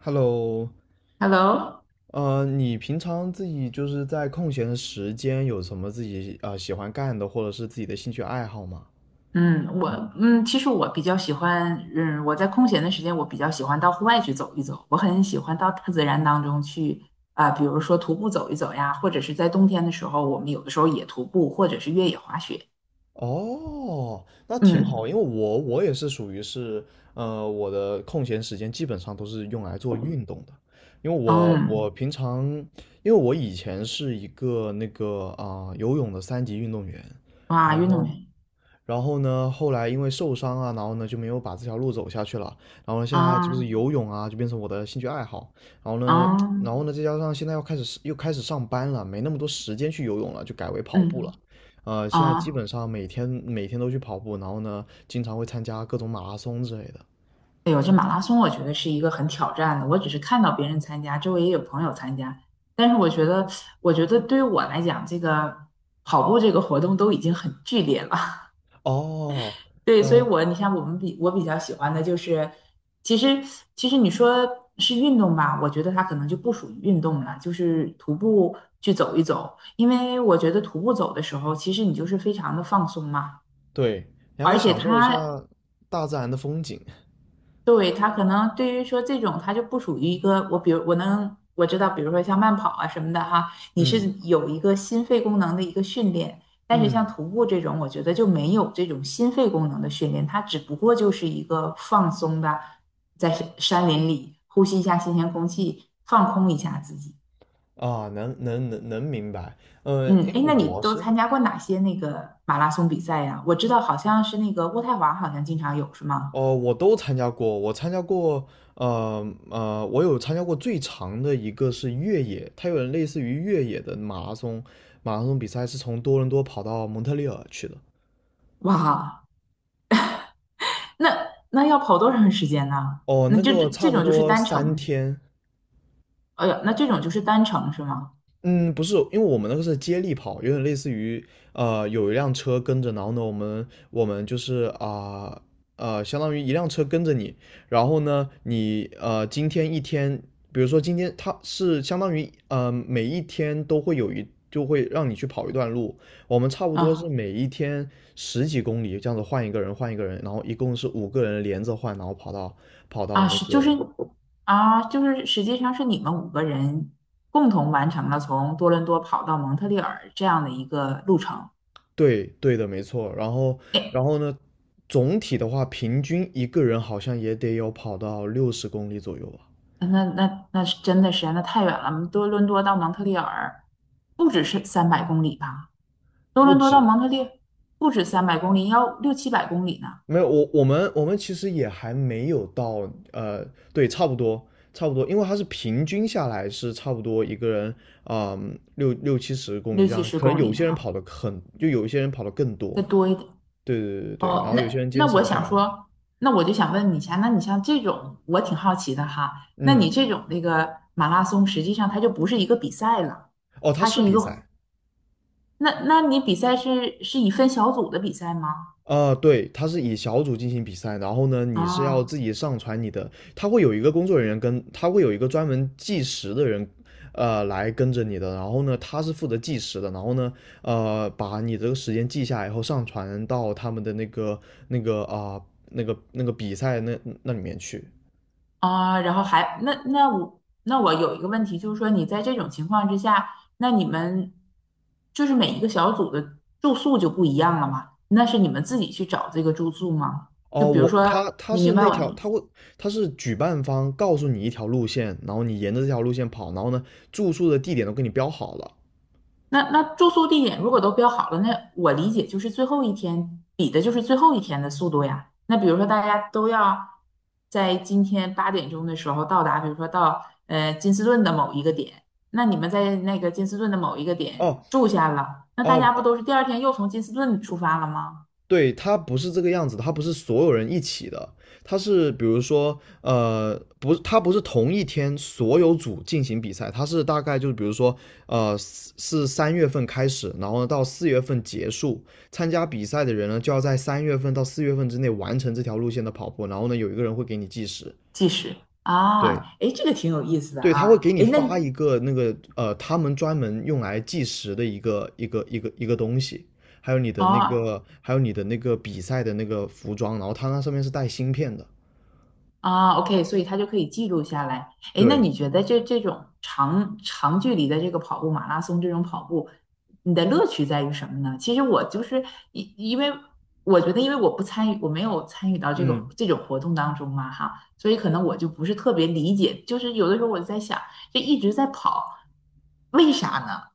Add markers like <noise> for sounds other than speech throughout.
Hello，Hello，你平常自己就是在空闲的时间有什么自己啊、喜欢干的，或者是自己的兴趣爱好吗？嗯，我其实我比较喜欢，我在空闲的时间，我比较喜欢到户外去走一走。我很喜欢到大自然当中去，啊、比如说徒步走一走呀，或者是在冬天的时候，我们有的时候也徒步，或者是越野滑雪。哦，那挺好，嗯因为我也是属于是，我的空闲时间基本上都是用来做运动的，因为我嗯，我平常，因为我以前是一个那个啊、游泳的三级运动员。然哇，运动后员。然后呢，后来因为受伤啊，然后呢就没有把这条路走下去了。然后呢，现在就是啊。游泳啊，就变成我的兴趣爱好。然后呢，啊。然后呢，再加上现在要开始又开始上班了，没那么多时间去游泳了，就改为跑步了。嗯。现在基啊。本上每天都去跑步，然后呢，经常会参加各种马拉松之类的。哎呦，这马拉松我觉得是一个很挑战的。我只是看到别人参加，周围也有朋友参加，但是我觉得，我觉得对于我来讲，这个跑步这个活动都已经很剧烈了。哦，<laughs> 对，所以嗯、我，你像我们比我比较喜欢的就是，其实其实你说是运动吧，我觉得它可能就不属于运动了，就是徒步去走一走，因为我觉得徒步走的时候，其实你就是非常的放松嘛，对，你还可而以且享受一下它大自然的风景。<laughs> 对，他可能对于说这种，他就不属于一个我，比如我能我知道，比如说像慢跑啊什么的哈，你是嗯有一个心肺功能的一个训练，但是像嗯，徒步这种，我觉得就没有这种心肺功能的训练，它只不过就是一个放松的，在山林里呼吸一下新鲜空气，放空一下自己。啊，能明白。嗯，因哎，那为你我都是。参加过哪些那个马拉松比赛呀？我知道好像是那个渥太华好像经常有，是吗？哦，我都参加过，我有参加过最长的一个是越野，它有点类似于越野的马拉松，马拉松比赛是从多伦多跑到蒙特利尔去的。哇，那要跑多长时间呢？哦，那那这个差这不种就是多单三程，天。哎呀，那这种就是单程是吗？嗯，不是，因为我们那个是接力跑，有点类似于，有一辆车跟着。然后呢，我们就是啊，相当于一辆车跟着你。然后呢，你今天一天，比如说今天它是相当于每一天都会就会让你去跑一段路，我们差不多是啊每一天十几公里这样子换一个人，然后一共是五个人连着换，然后跑到啊那是就是个。啊就是实际上是你们五个人共同完成了从多伦多跑到蒙特利尔这样的一个路程。对对的，没错。然后，然哎，后呢，总体的话，平均一个人好像也得有跑到六十公里左右吧。那是真的是那太远了，多伦多到蒙特利尔不只是三百公里吧？多不伦多到止。蒙特利不止三百公里，要六七百公里呢，没有，我们其实也还没有到。对，差不多，因为它是平均下来是差不多一个人，嗯，六七十公里六这七样，十可能公有里些人哈，跑的很，就有一些人跑的更多。再多一点。对对对对对，哦，然后有些那人坚那持我不下想来。说，那我就想问你一下，那你像这种，我挺好奇的哈，那你嗯。这种那个马拉松，实际上它就不是一个比赛了，哦，他它是是一比个活，赛。那你比赛是是以分小组的比赛吗？啊，对，它是以小组进行比赛，然后呢，你是要自啊。己上传你的，他会有一个工作人员跟，他会有一个专门计时的人，来跟着你的，然后呢，他是负责计时的，然后呢，把你这个时间记下来以后上传到他们的那个那个啊、比赛那里面去。啊，然后还那我有一个问题，就是说你在这种情况之下，那你们就是每一个小组的住宿就不一样了吗？那是你们自己去找这个住宿吗？就哦，比如我说，他他你是明白那我的条，意他思？会他是举办方告诉你一条路线，然后你沿着这条路线跑，然后呢，住宿的地点都给你标好了。那那住宿地点如果都标好了，那我理解就是最后一天比的就是最后一天的速度呀。那比如说大家都要在今天8点钟的时候到达，比如说到金斯顿的某一个点，那你们在那个金斯顿的某一个点哦住下了，那大哦，家不都是第二天又从金斯顿出发了吗？对，它不是这个样子的，它不是所有人一起的，它是比如说，不是，它不是同一天所有组进行比赛，它是大概就是比如说，是三月份开始，然后呢到四月份结束，参加比赛的人呢就要在三月份到四月份之内完成这条路线的跑步，然后呢有一个人会给你计时。计时。啊，对，哎，这个挺有意思的对，他会啊，给你哎，那发一个那个，他们专门用来计时的一个东西，还有你的那哦，个还有你的那个比赛的那个服装，然后它那上面是带芯片的。啊，OK，所以他就可以记录下来。哎，那对，你觉得这种长距离的这个跑步，马拉松这种跑步，你的乐趣在于什么呢？其实我就是因为我觉得，因为我不参与，我没有参与到这个嗯。这种活动当中嘛，哈，所以可能我就不是特别理解。就是有的时候我就在想，这一直在跑，为啥呢？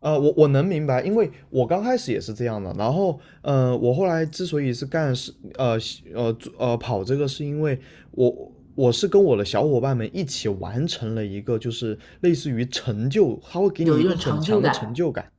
我能明白，因为我刚开始也是这样的。然后，我后来之所以是干是呃呃做呃跑这个，是因为我我是跟我的小伙伴们一起完成了一个，就是类似于成就，他会给你有一一个种很成就强的感。成就感。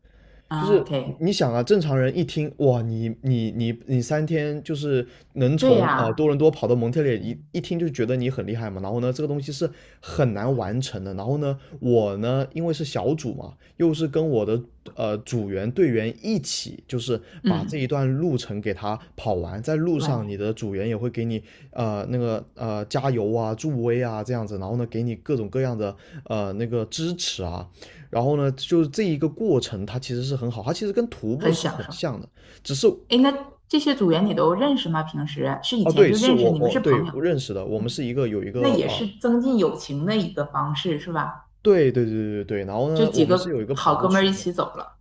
就啊是，OK，你想啊，正常人一听哇，你三天就是能对从呀。多伦多跑到蒙特利尔，一听就觉得你很厉害嘛。然后呢，这个东西是很难完成的。然后呢，我呢，因为是小组嘛，又是跟我的组员队员一起，就是把这一嗯。段路程给他跑完。在路上，你完。的组员也会给你那个加油啊、助威啊这样子，然后呢，给你各种各样的那个支持啊。然后呢，就是这一个过程，它其实是很好，它其实跟徒步很是享很受。像的，只是。哎，那这些组员你都认识吗？平时是以哦，前对，就是认识，我你们我是对朋友，我认识的，我们是一个有一那个也啊。是增进友情的一个方式，是吧？对对对对对，然后这呢，我几们是有一个个跑好步哥们儿群一的。起走了。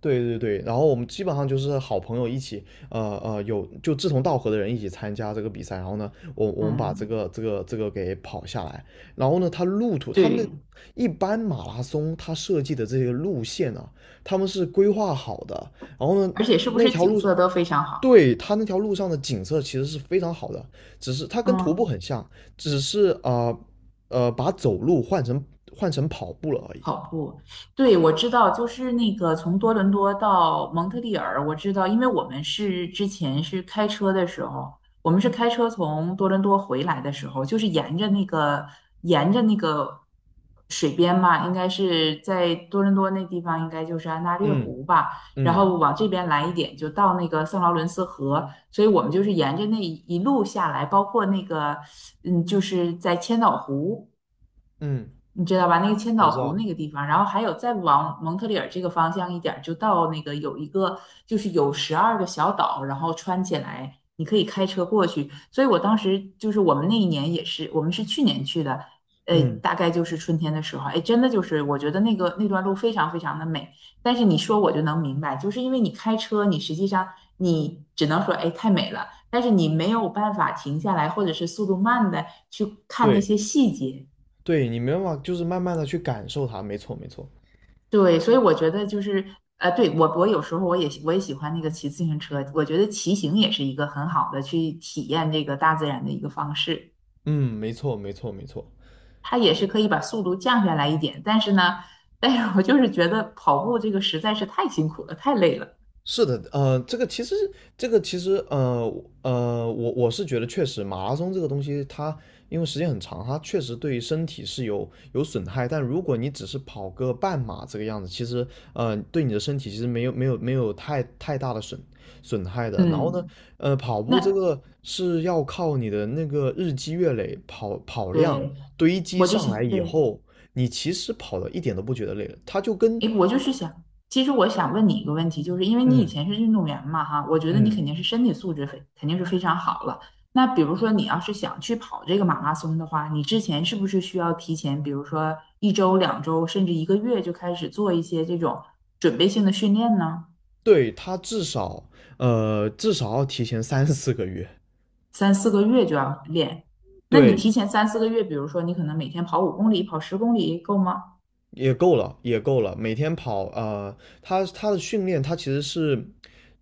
对对对，然后我们基本上就是好朋友一起，就志同道合的人一起参加这个比赛，然后呢，我们把这嗯，个这个这个给跑下来，然后呢，他路途，他们的对，一般马拉松它设计的这些路线啊，他们是规划好的，然后呢，而且是不那是条景路，色都非常好？对，它那条路上的景色其实是非常好的，只是它跟徒步嗯。很像，只是把走路换成跑步了而已。跑步。对，我知道，就是那个从多伦多到蒙特利尔，我知道，因为我们是之前是开车的时候，我们是开车从多伦多回来的时候，就是沿着那个沿着那个水边嘛，应该是在多伦多那地方，应该就是安大略嗯湖吧，然嗯后往这边来一点，就到那个圣劳伦斯河，所以我们就是沿着那一路下来，包括那个嗯，就是在千岛湖。嗯，你知道吧？那个千我知岛湖道。那个地方，然后还有再往蒙特利尔这个方向一点儿就到那个有一个就是有12个小岛，然后穿起来，你可以开车过去。所以我当时就是我们那一年也是，我们是去年去的，嗯，大概就是春天的时候，哎，真的就是我觉得那个那段路非常非常的美。但是你说我就能明白，就是因为你开车，你实际上你只能说哎太美了，但是你没有办法停下来，或者是速度慢的去看那对些细节。对，你没办法，就是慢慢的去感受它。没错没错。对，所以我觉得就是，对，我我有时候我也喜欢那个骑自行车，我觉得骑行也是一个很好的去体验这个大自然的一个方式，嗯，没错没错没错。它也是可以把速度降下来一点，但是呢，但是我就是觉得跑步这个实在是太辛苦了，太累了，是的，这个其实，我是觉得确实，马拉松这个东西它，因为时间很长，它确实对身体是有损害。但如果你只是跑个半马这个样子，其实，对你的身体其实没有太大的损害的。然后呢，嗯，跑步这那个是要靠你的那个日积月累，跑量对，堆积我就上来想以对。后，你其实跑的一点都不觉得累了，它就跟。诶，我就是想，其实我想问你一个问题，就是因为你以嗯前是运动员嘛，哈，我觉得你嗯，肯定是身体素质非肯定是非常好了。那比如说你要是想去跑这个马拉松的话，你之前是不是需要提前，比如说一周、2周，甚至一个月就开始做一些这种准备性的训练呢？对，他至少至少要提前三四个月。三四个月就要练。那你对，提前三四个月，比如说你可能每天跑5公里、跑十公里够吗？也够了，也够了。每天跑，他的训练，他其实是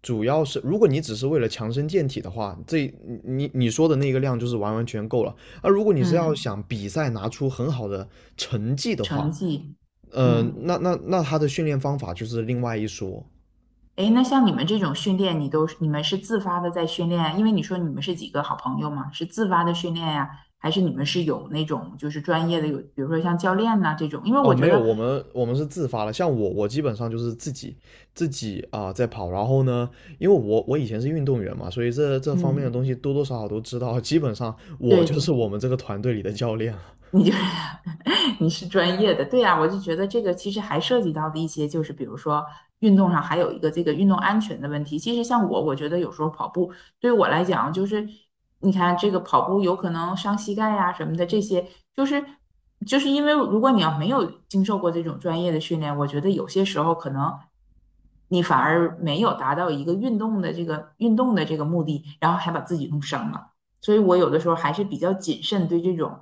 主要是，如果你只是为了强身健体的话，这你说的那个量就是完全够了。而如果你是要嗯，想比赛拿出很好的成绩的成话，绩，嗯。那他的训练方法就是另外一说。哎，那像你们这种训练，你都是你们是自发的在训练？因为你说你们是几个好朋友嘛，是自发的训练呀，还是你们是有那种就是专业的有，比如说像教练呐、这种？因为哦，我觉没有，得，我们是自发的。像我，我基本上就是自己啊、在跑。然后呢，因为我以前是运动员嘛，所以这方面的嗯，东西多多少少都知道。<laughs> 基本上我对就对，是我们这个团队里的教练了。你就是 <laughs> 你是专业的，对呀，我就觉得这个其实还涉及到的一些，就是比如说运动上还有一个这个运动安全的问题。其实像我，我觉得有时候跑步对于我来讲，就是你看这个跑步有可能伤膝盖呀、什么的，这些就是就是因为如果你要没有经受过这种专业的训练，我觉得有些时候可能你反而没有达到一个运动的这个目的，然后还把自己弄伤了。所以我有的时候还是比较谨慎对这种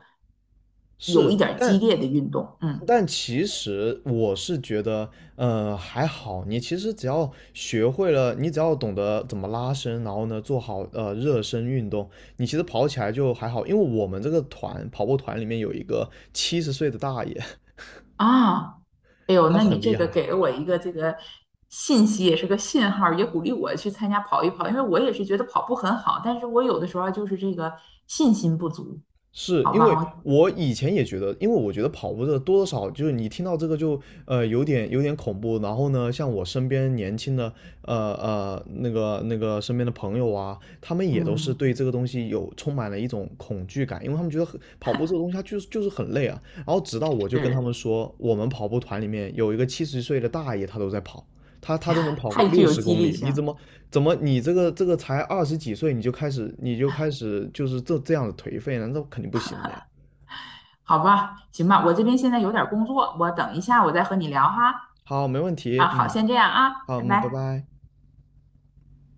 有是，一点儿激但烈的运动。嗯。但其实我是觉得，还好。你其实只要学会了，你只要懂得怎么拉伸，然后呢做好热身运动，你其实跑起来就还好。因为我们这个跑步团里面有一个七十岁的大爷，啊，哎 <laughs> 呦，他那你很这厉个害。给了我一个这个信息，也是个信号儿也鼓励我去参加跑一跑，因为我也是觉得跑步很好，但是我有的时候就是这个信心不足，是好因为吧，我我以前也觉得，因为我觉得跑步的多多少少就是你听到这个就有点恐怖，然后呢，像我身边年轻的身边的朋友啊，他们也都是嗯，对这个东西有充满了一种恐惧感，因为他们觉得很跑步这个东西它就是很累啊。然后直到我就跟他是们说，我们跑步团里面有一个七十岁的大爷，他都在跑，他都能跑个太具六有十激公励里。性你怎了，么怎么你这个才二十几岁你就开始就是这样的颓废呢？那肯定不行的呀。好吧，行吧，我这边现在有点儿工作，我等一下我再和你聊哈。好，没问啊，题。好，嗯，先这样啊，好，拜嗯，拜拜。拜。